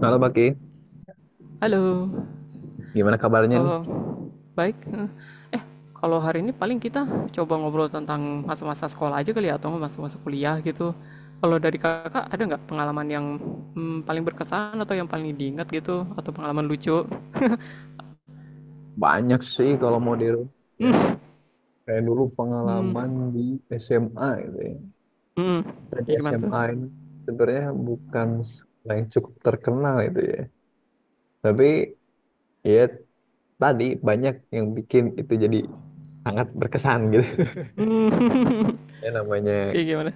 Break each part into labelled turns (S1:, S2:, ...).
S1: Halo Baki,
S2: Halo,
S1: gimana kabarnya nih?
S2: eh, baik. Eh, Kalau hari ini paling kita coba ngobrol tentang masa-masa sekolah aja kali ya, atau masa-masa kuliah gitu. Kalau dari kakak ada nggak pengalaman yang paling berkesan atau yang paling diingat gitu, atau pengalaman lucu?
S1: Banyak sih kalau mau dirubah ya.
S2: Hmm,
S1: Kayak dulu
S2: hmm,
S1: pengalaman di SMA gitu ya.
S2: hmm.
S1: Saya di
S2: Ya gimana tuh?
S1: SMA ini sebenarnya bukan sekolah yang cukup terkenal itu ya. Tapi ya tadi banyak yang bikin itu jadi sangat berkesan gitu.
S2: Hmm.
S1: Ya namanya
S2: Kayak gimana?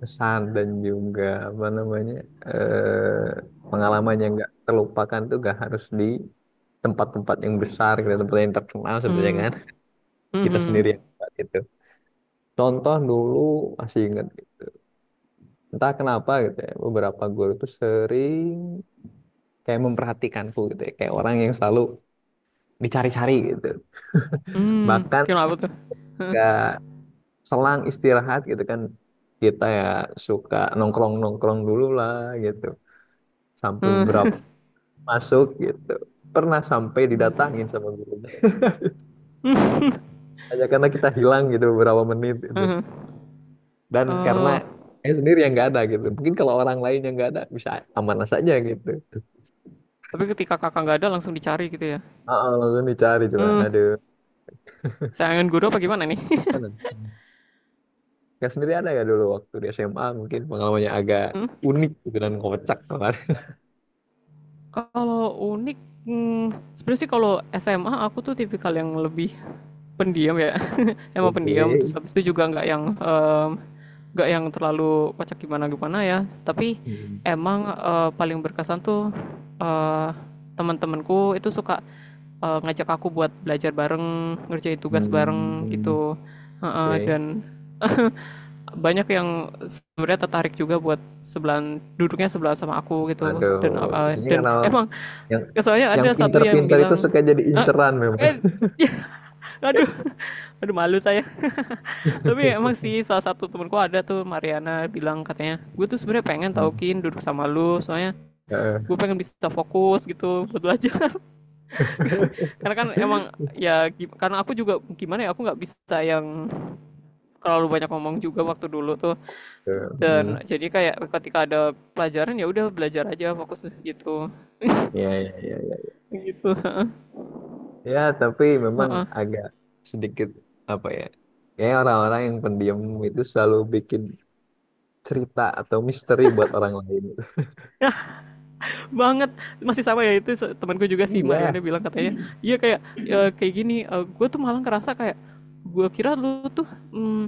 S1: kesan dan juga apa namanya eh, pengalaman yang nggak terlupakan tuh gak harus di tempat-tempat yang besar, gitu, tempat yang terkenal sebenarnya
S2: Hmm,
S1: kan.
S2: hmm,
S1: Kita
S2: hmm,
S1: sendiri yang buat itu. Contoh dulu masih inget, entah kenapa gitu ya, beberapa guru tuh sering kayak memperhatikanku gitu ya, kayak orang yang selalu dicari-cari gitu.
S2: hmm.
S1: Bahkan
S2: Kenapa tuh? Hah?
S1: gak selang istirahat gitu kan, kita ya suka nongkrong-nongkrong dulu lah gitu. Sampai
S2: Hah?
S1: beberapa masuk gitu. Pernah sampai didatangin
S2: Hmm.
S1: sama gurunya. Hanya karena kita hilang gitu beberapa menit gitu. Dan karena
S2: Oh,
S1: saya sendiri yang nggak ada gitu. Mungkin kalau orang lain yang nggak ada bisa amanah saja gitu.
S2: tapi ketika kakak nggak ada langsung dicari gitu ya?
S1: Ah, langsung dicari coba.
S2: Hmm.
S1: Aduh.
S2: Sayangan guru apa gimana nih?
S1: Kan Kak sendiri ada nggak dulu waktu di SMA mungkin pengalamannya agak
S2: Hmm?
S1: unik gitu dan kocak kemarin.
S2: Kalau unik, hmm, sebenarnya sih kalau SMA aku tuh tipikal yang lebih pendiam ya, emang pendiam. Terus
S1: Oke.
S2: habis itu juga nggak yang nggak yang terlalu kocak gimana gimana ya. Tapi
S1: Hmm.
S2: emang paling berkesan tuh eh, teman-temanku itu suka ngajak aku buat belajar bareng, ngerjain tugas bareng
S1: Hmm.
S2: gitu. Heeh,
S1: Oke.
S2: dan banyak yang sebenarnya tertarik juga buat sebelahan duduknya sebelah sama aku gitu
S1: Waduh. Biasanya
S2: dan
S1: karena
S2: emang
S1: yang
S2: ya soalnya
S1: yang
S2: ada satu yang
S1: pinter-pinter itu
S2: bilang,
S1: suka jadi
S2: "Ah,
S1: inceran memang.
S2: eh ya, aduh aduh malu saya, tapi emang sih salah satu temanku ada tuh Mariana bilang katanya gue tuh sebenarnya pengen tau
S1: Hmm.
S2: Kin duduk sama lu soalnya
S1: Heeh.
S2: gue pengen bisa fokus gitu buat belajar karena kan emang ya karena aku juga gimana ya aku nggak bisa yang terlalu banyak ngomong juga waktu dulu tuh.
S1: Hmm.
S2: Dan jadi kayak ketika ada pelajaran ya udah belajar aja fokus gitu.
S1: Ya, ya, ya, ya.
S2: Gitu.
S1: Ya, tapi memang agak sedikit apa ya? Kayak orang-orang yang pendiam itu selalu bikin cerita atau misteri buat orang lain.
S2: Banget, masih sama ya itu temanku juga si Mariana
S1: Iya.
S2: bilang katanya, "Iya kayak kayak gini, gue tuh malah ngerasa kayak gue kira lu tuh mm,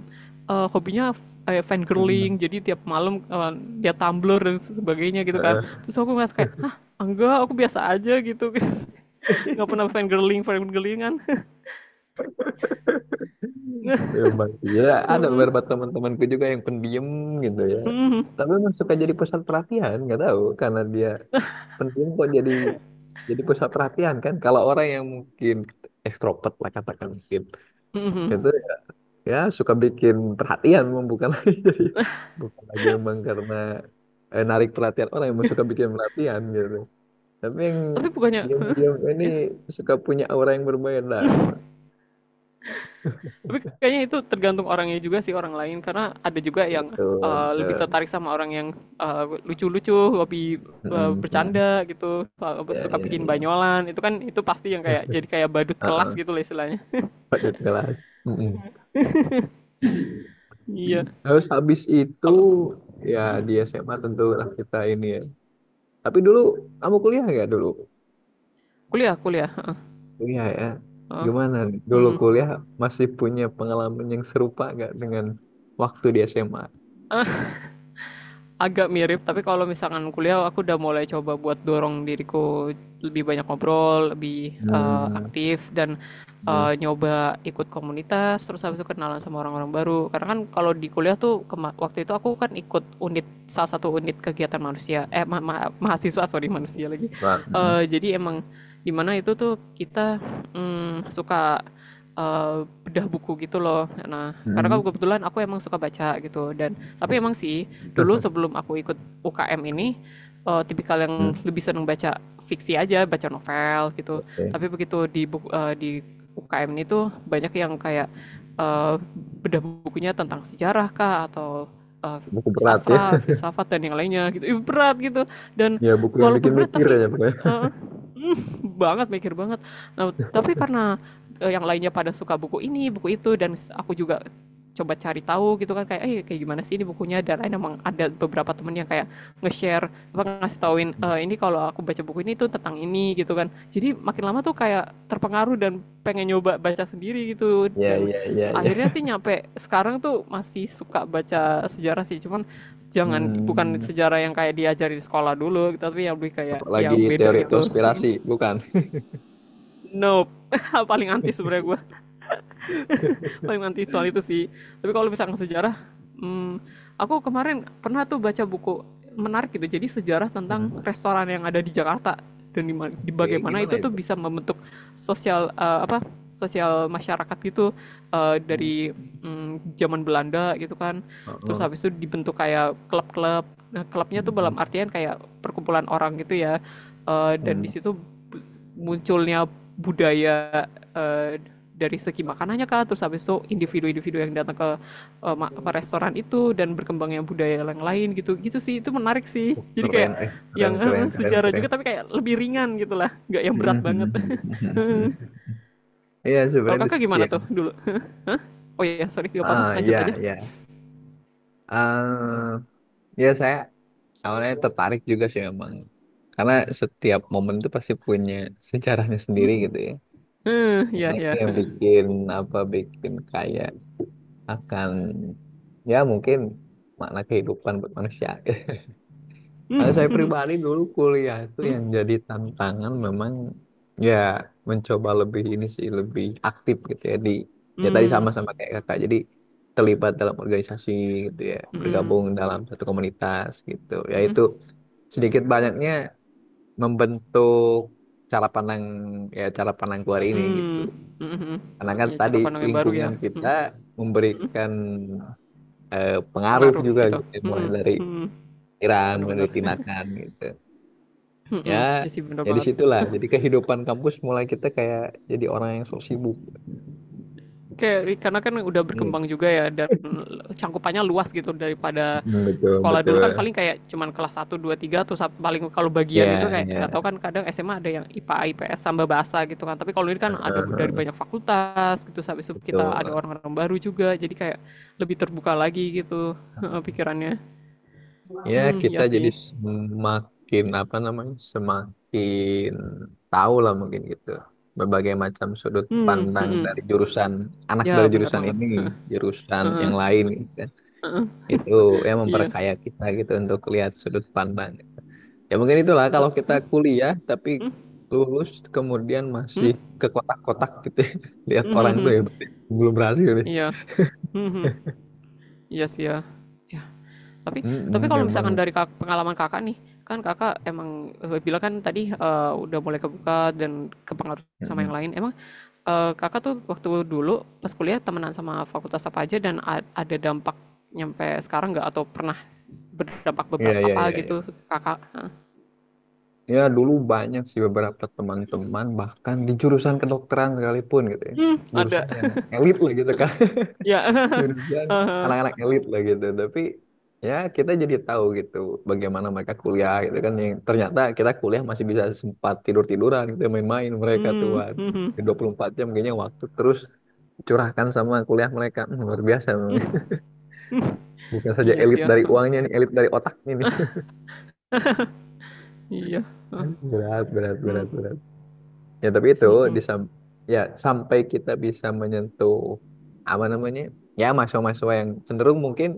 S2: hobinya
S1: Mm-mm.
S2: fangirling, jadi tiap malam dia Tumblr dan sebagainya gitu kan."
S1: Heeh.
S2: Terus aku ngerasa kayak, "Hah, enggak, aku biasa aja gitu." Nggak pernah fangirling, fangirlingan.
S1: Memang. Ya, ada
S2: Heeh.
S1: beberapa teman-temanku juga yang pendiam gitu ya.
S2: Mhm.
S1: Tapi emang suka jadi pusat perhatian, nggak tahu karena dia pendiam kok jadi pusat perhatian kan. Kalau orang yang mungkin ekstrovert lah katakan mungkin itu
S2: Mhm.
S1: ya suka bikin perhatian, emang bukan lagi jadi bukan lagi memang karena narik perhatian orang yang suka bikin perhatian gitu. Tapi yang
S2: Tapi bukannya
S1: diam-diam ini suka punya aura yang berbeda emang.
S2: tapi kayaknya itu tergantung orangnya juga sih orang lain karena ada juga yang
S1: Betul,
S2: lebih
S1: betul.
S2: tertarik sama orang yang eh, lucu-lucu, hobi
S1: Mm, mm.
S2: bercanda gitu, eh,
S1: Ya,
S2: suka
S1: ya,
S2: bikin
S1: ya.
S2: banyolan. Itu kan itu pasti yang kayak jadi kayak badut kelas
S1: Heeh,
S2: gitu lah istilahnya.
S1: patut kelas. Mm-mm.
S2: Iya.
S1: Terus habis itu
S2: Kalau
S1: ya di SMA tentulah kita ini ya. Tapi dulu kamu kuliah nggak dulu?
S2: kuliah, kuliah.
S1: Kuliah ya.
S2: Heeh.
S1: Gimana nih? Dulu
S2: Hmm.
S1: kuliah masih punya pengalaman yang serupa nggak dengan waktu di SMA?
S2: Agak mirip tapi kalau misalkan kuliah aku udah mulai coba buat dorong diriku lebih banyak ngobrol lebih
S1: Hmm,
S2: aktif dan
S1: hmm.
S2: nyoba ikut komunitas terus habis itu kenalan sama orang-orang baru karena kan kalau di kuliah tuh waktu itu aku kan ikut unit salah satu unit kegiatan manusia mahasiswa sorry manusia lagi.
S1: Wah, mm,
S2: Jadi emang dimana itu tuh kita suka eh, bedah buku gitu loh, nah karena kan
S1: mm.
S2: kebetulan aku emang suka baca gitu dan tapi
S1: Bisa.
S2: emang sih dulu sebelum aku ikut UKM ini tipikal yang
S1: Hmm,
S2: lebih seneng baca fiksi aja, baca novel gitu.
S1: oke.
S2: Tapi begitu di di UKM ini tuh banyak yang kayak eh, bedah bukunya tentang sejarah kah atau eh,
S1: Buku berat ya.
S2: sastra, filsafat dan yang lainnya gitu. Ih, berat gitu. Dan
S1: Ya, buku yang
S2: walaupun
S1: bikin
S2: berat
S1: mikir ya,
S2: tapi
S1: Bro.
S2: eh, mm, banget mikir banget. Nah, tapi karena yang lainnya pada suka buku ini, buku itu dan aku juga coba cari tahu gitu kan kayak kayak gimana sih ini bukunya dan lain emang ada beberapa temen yang kayak nge-share apa ngasih tauin, "Eh, ini kalau aku baca buku ini tuh tentang ini gitu kan jadi makin lama tuh kayak terpengaruh dan pengen nyoba baca sendiri gitu
S1: Ya,
S2: dan
S1: ya, ya,
S2: akhirnya
S1: ya.
S2: sih nyampe sekarang tuh masih suka baca sejarah sih cuman jangan bukan
S1: Hmm.
S2: sejarah yang kayak diajari di sekolah dulu gitu tapi yang lebih kayak yang
S1: Apalagi
S2: beda
S1: teori
S2: gitu.
S1: konspirasi, bukan?
S2: Nope, paling anti sebenarnya gue, paling anti soal itu sih. Tapi kalau misalkan sejarah, hmm, aku kemarin pernah tuh baca buku menarik gitu jadi sejarah tentang
S1: Hmm.
S2: restoran yang ada di Jakarta dan di
S1: Oke,
S2: bagaimana
S1: gimana
S2: itu tuh
S1: itu?
S2: bisa membentuk sosial apa sosial masyarakat gitu
S1: Hmm.
S2: dari zaman Belanda gitu kan, terus
S1: Heeh.
S2: habis itu dibentuk kayak klub-klub, nah klubnya
S1: Hmm.
S2: tuh
S1: Hmm.
S2: dalam artian kayak perkumpulan orang gitu ya. Eh, dan di
S1: Hmm.
S2: situ munculnya budaya dari segi makanannya kah terus habis itu individu-individu yang datang ke restoran itu dan berkembangnya budaya yang lain gitu gitu sih itu menarik sih.
S1: Oh,
S2: Jadi kayak
S1: keren,
S2: yang
S1: keren, keren, keren,
S2: sejarah
S1: keren.
S2: juga tapi kayak lebih ringan gitulah, nggak yang
S1: Hmm,
S2: berat
S1: hmm,
S2: banget.
S1: hmm, hmm, hmm. Iya,
S2: Kalau
S1: sebenarnya di
S2: kakak gimana
S1: setiap,
S2: tuh dulu? Oh iya sorry nggak apa-apa lanjut aja.
S1: ya, ya, ah, ya saya awalnya tertarik juga sih memang, karena setiap momen itu pasti punya sejarahnya
S2: Hmm.
S1: sendiri gitu ya.
S2: Eh, Ya
S1: Karena itu
S2: ya.
S1: yang bikin apa, bikin kaya akan ya mungkin makna kehidupan buat manusia.
S2: Hmm,
S1: Kalau saya
S2: hmm,
S1: pribadi dulu kuliah itu
S2: hmm,
S1: yang jadi tantangan memang, ya mencoba lebih ini sih lebih aktif gitu ya. Di ya tadi sama-sama kayak kakak jadi terlibat dalam organisasi gitu ya,
S2: hmm, hmm,
S1: bergabung dalam satu komunitas gitu ya,
S2: hmm,
S1: itu sedikit banyaknya membentuk cara pandang, ya cara pandang keluar ini gitu.
S2: hmm, hmm.
S1: Karena kan
S2: Ya
S1: tadi
S2: cara pandang yang baru ya.
S1: lingkungan kita
S2: Hmm.
S1: memberikan pengaruh
S2: Pengaruh
S1: juga
S2: gitu.
S1: gitu, mulai
S2: Hmm, hmm,
S1: dari
S2: hmm.
S1: pikiran mulai
S2: Bener-bener.
S1: dari tindakan gitu
S2: Hmm,
S1: ya.
S2: hmm. Ya sih bener
S1: Jadi
S2: banget.
S1: situlah jadi kehidupan kampus mulai kita kayak jadi orang yang sok sibuk.
S2: Kayak karena kan udah
S1: Nih,
S2: berkembang juga ya dan cangkupannya luas gitu daripada
S1: mm, betul
S2: sekolah
S1: betul
S2: dulu kan paling kayak cuman kelas satu 2 3 tuh, paling kalau bagian itu
S1: ya,
S2: kayak nggak tahu
S1: ya.
S2: kan kadang SMA ada yang IPA, IPS sama bahasa gitu kan. Tapi kalau ini kan ada
S1: Heeh,
S2: dari
S1: heeh,
S2: banyak fakultas gitu sampai itu kita ada
S1: betul.
S2: orang-orang baru juga. Jadi kayak lebih terbuka lagi gitu pikirannya.
S1: Ya
S2: Hmm,
S1: kita
S2: ya
S1: jadi
S2: sih.
S1: semakin apa namanya, semakin tahu lah mungkin gitu berbagai macam sudut
S2: Hmm, hmm,
S1: pandang
S2: hmm.
S1: dari jurusan anak
S2: Ya,
S1: dari
S2: benar
S1: jurusan
S2: banget.
S1: ini, jurusan yang lain gitu. Itu yang
S2: Iya.
S1: memperkaya kita gitu untuk lihat sudut pandang. Ya mungkin itulah kalau kita
S2: Hmm,
S1: kuliah, tapi
S2: hmm,
S1: lulus kemudian masih
S2: hmm,
S1: ke kotak-kotak gitu ya. Lihat
S2: hmm, hmm,
S1: orang tuh
S2: hmm.
S1: ya berarti belum berhasil deh.
S2: Iya. Hmm. Iya sih ya. Ya, Tapi tapi
S1: Mm-mm,
S2: kalau misalkan
S1: memang.
S2: dari pengalaman Kakak nih, kan Kakak emang bilang kan tadi udah mulai kebuka dan kepengaruh sama yang
S1: Mm-mm.
S2: lain. Emang Kakak tuh waktu dulu pas kuliah temenan sama fakultas apa aja dan ada dampak nyampe sekarang nggak atau pernah berdampak
S1: Iya
S2: beberapa
S1: iya
S2: apa
S1: iya iya.
S2: gitu Kakak?
S1: Ya dulu banyak sih beberapa teman-teman bahkan di jurusan kedokteran sekalipun gitu ya.
S2: Hmm, ada.
S1: Jurusan yang elit lah gitu kan.
S2: Ya.
S1: Jurusan
S2: Haha.
S1: anak-anak elit lah gitu, tapi ya kita jadi tahu gitu bagaimana mereka kuliah gitu kan, yang ternyata kita kuliah masih bisa sempat tidur-tiduran gitu main-main, mereka tuh
S2: Hmm,
S1: waduh,
S2: hmm, hmm.
S1: 24 jam kayaknya waktu terus curahkan sama kuliah mereka. Hmm, luar biasa memang
S2: Hmm,
S1: ya.
S2: hmm.
S1: Bukan saja
S2: Iya sih
S1: elit
S2: ya.
S1: dari
S2: Hah,
S1: uangnya nih, elit dari otaknya nih.
S2: iya.
S1: Aduh, berat berat
S2: Hmm,
S1: berat berat, ya tapi itu
S2: hmm.
S1: di sam- ya sampai kita bisa menyentuh apa namanya, ya mahasiswa-mahasiswa yang cenderung mungkin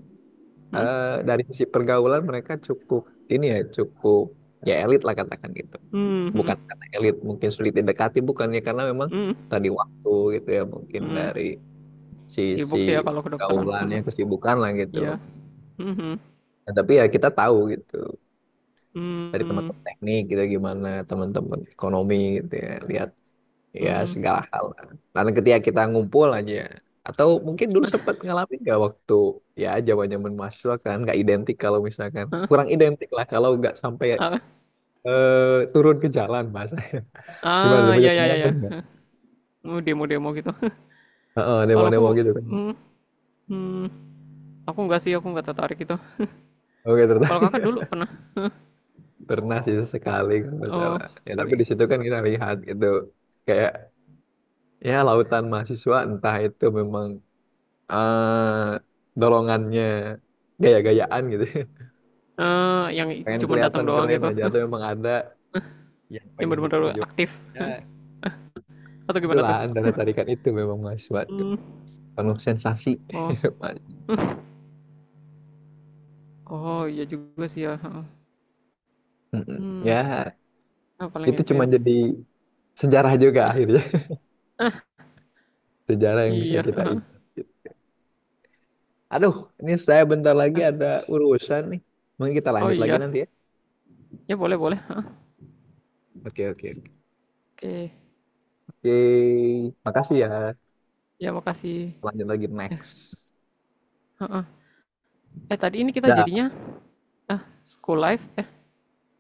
S2: Hmm,
S1: eh, dari sisi pergaulan mereka cukup ini ya, cukup ya elit lah katakan gitu.
S2: hmm,
S1: Bukan
S2: hmm.
S1: karena elit mungkin sulit didekati, bukannya, karena memang
S2: Hmm,
S1: tadi waktu gitu ya, mungkin
S2: hmm.
S1: dari sisi
S2: Sibuk sih ya kalau kedokteran.
S1: pergaulannya
S2: Mhm.
S1: kesibukan lah gitu.
S2: Iya. Mhm.
S1: Nah, tapi ya kita tahu gitu dari
S2: Mmm,
S1: teman-teman teknik gitu, gimana teman-teman ekonomi gitu ya lihat ya
S2: mmm.
S1: segala hal. Dan ketika kita ngumpul aja, atau mungkin dulu sempat ngalamin nggak waktu ya zamannya mahasiswa kan nggak identik, kalau misalkan kurang identik lah kalau nggak sampai
S2: Ah,
S1: turun ke jalan bahasa. Gimana tuh, punya
S2: ya ya ya. Iya.
S1: pengalaman nggak?
S2: Mau demo-demo gitu.
S1: Heeh,
S2: Kalau aku
S1: demo-demo gitu kan.
S2: mmm, mmm, aku nggak sih, aku nggak tertarik itu.
S1: Oke, ternyata
S2: Kalau Kakak dulu pernah?
S1: pernah sih sekali kalau nggak
S2: Oh,
S1: salah. Ya tapi
S2: sekali.
S1: di situ kan kita lihat gitu kayak ya lautan mahasiswa, entah itu memang eh dorongannya gaya-gayaan gitu
S2: Eh, yang
S1: pengen
S2: cuma datang
S1: kelihatan
S2: doang
S1: keren
S2: gitu,
S1: aja, atau memang ada yang
S2: yang
S1: pengen
S2: bener-bener
S1: diperjuangkan,
S2: aktif
S1: ya
S2: atau gimana
S1: itulah
S2: tuh?
S1: antara tarikan itu memang mas, suatu
S2: Mmm,
S1: penuh sensasi.
S2: oh,
S1: Mas.
S2: oh iya juga sih ya, heeh.
S1: Mm-mm.
S2: Mmm,
S1: Ya
S2: ah, paling
S1: itu
S2: itu
S1: cuma
S2: ya.
S1: jadi sejarah juga akhirnya, sejarah yang bisa
S2: Iya,
S1: kita ingat gitu. Aduh, ini saya bentar lagi ada urusan nih, mungkin kita
S2: oh
S1: lanjut lagi
S2: iya,
S1: nanti ya.
S2: ya boleh boleh, heeh.
S1: Oke oke oke.
S2: Oke,
S1: Oke, makasih ya,
S2: ya makasih.
S1: lanjut lagi next.
S2: Heeh. Eh tadi ini kita
S1: Dah.
S2: jadinya ah school life eh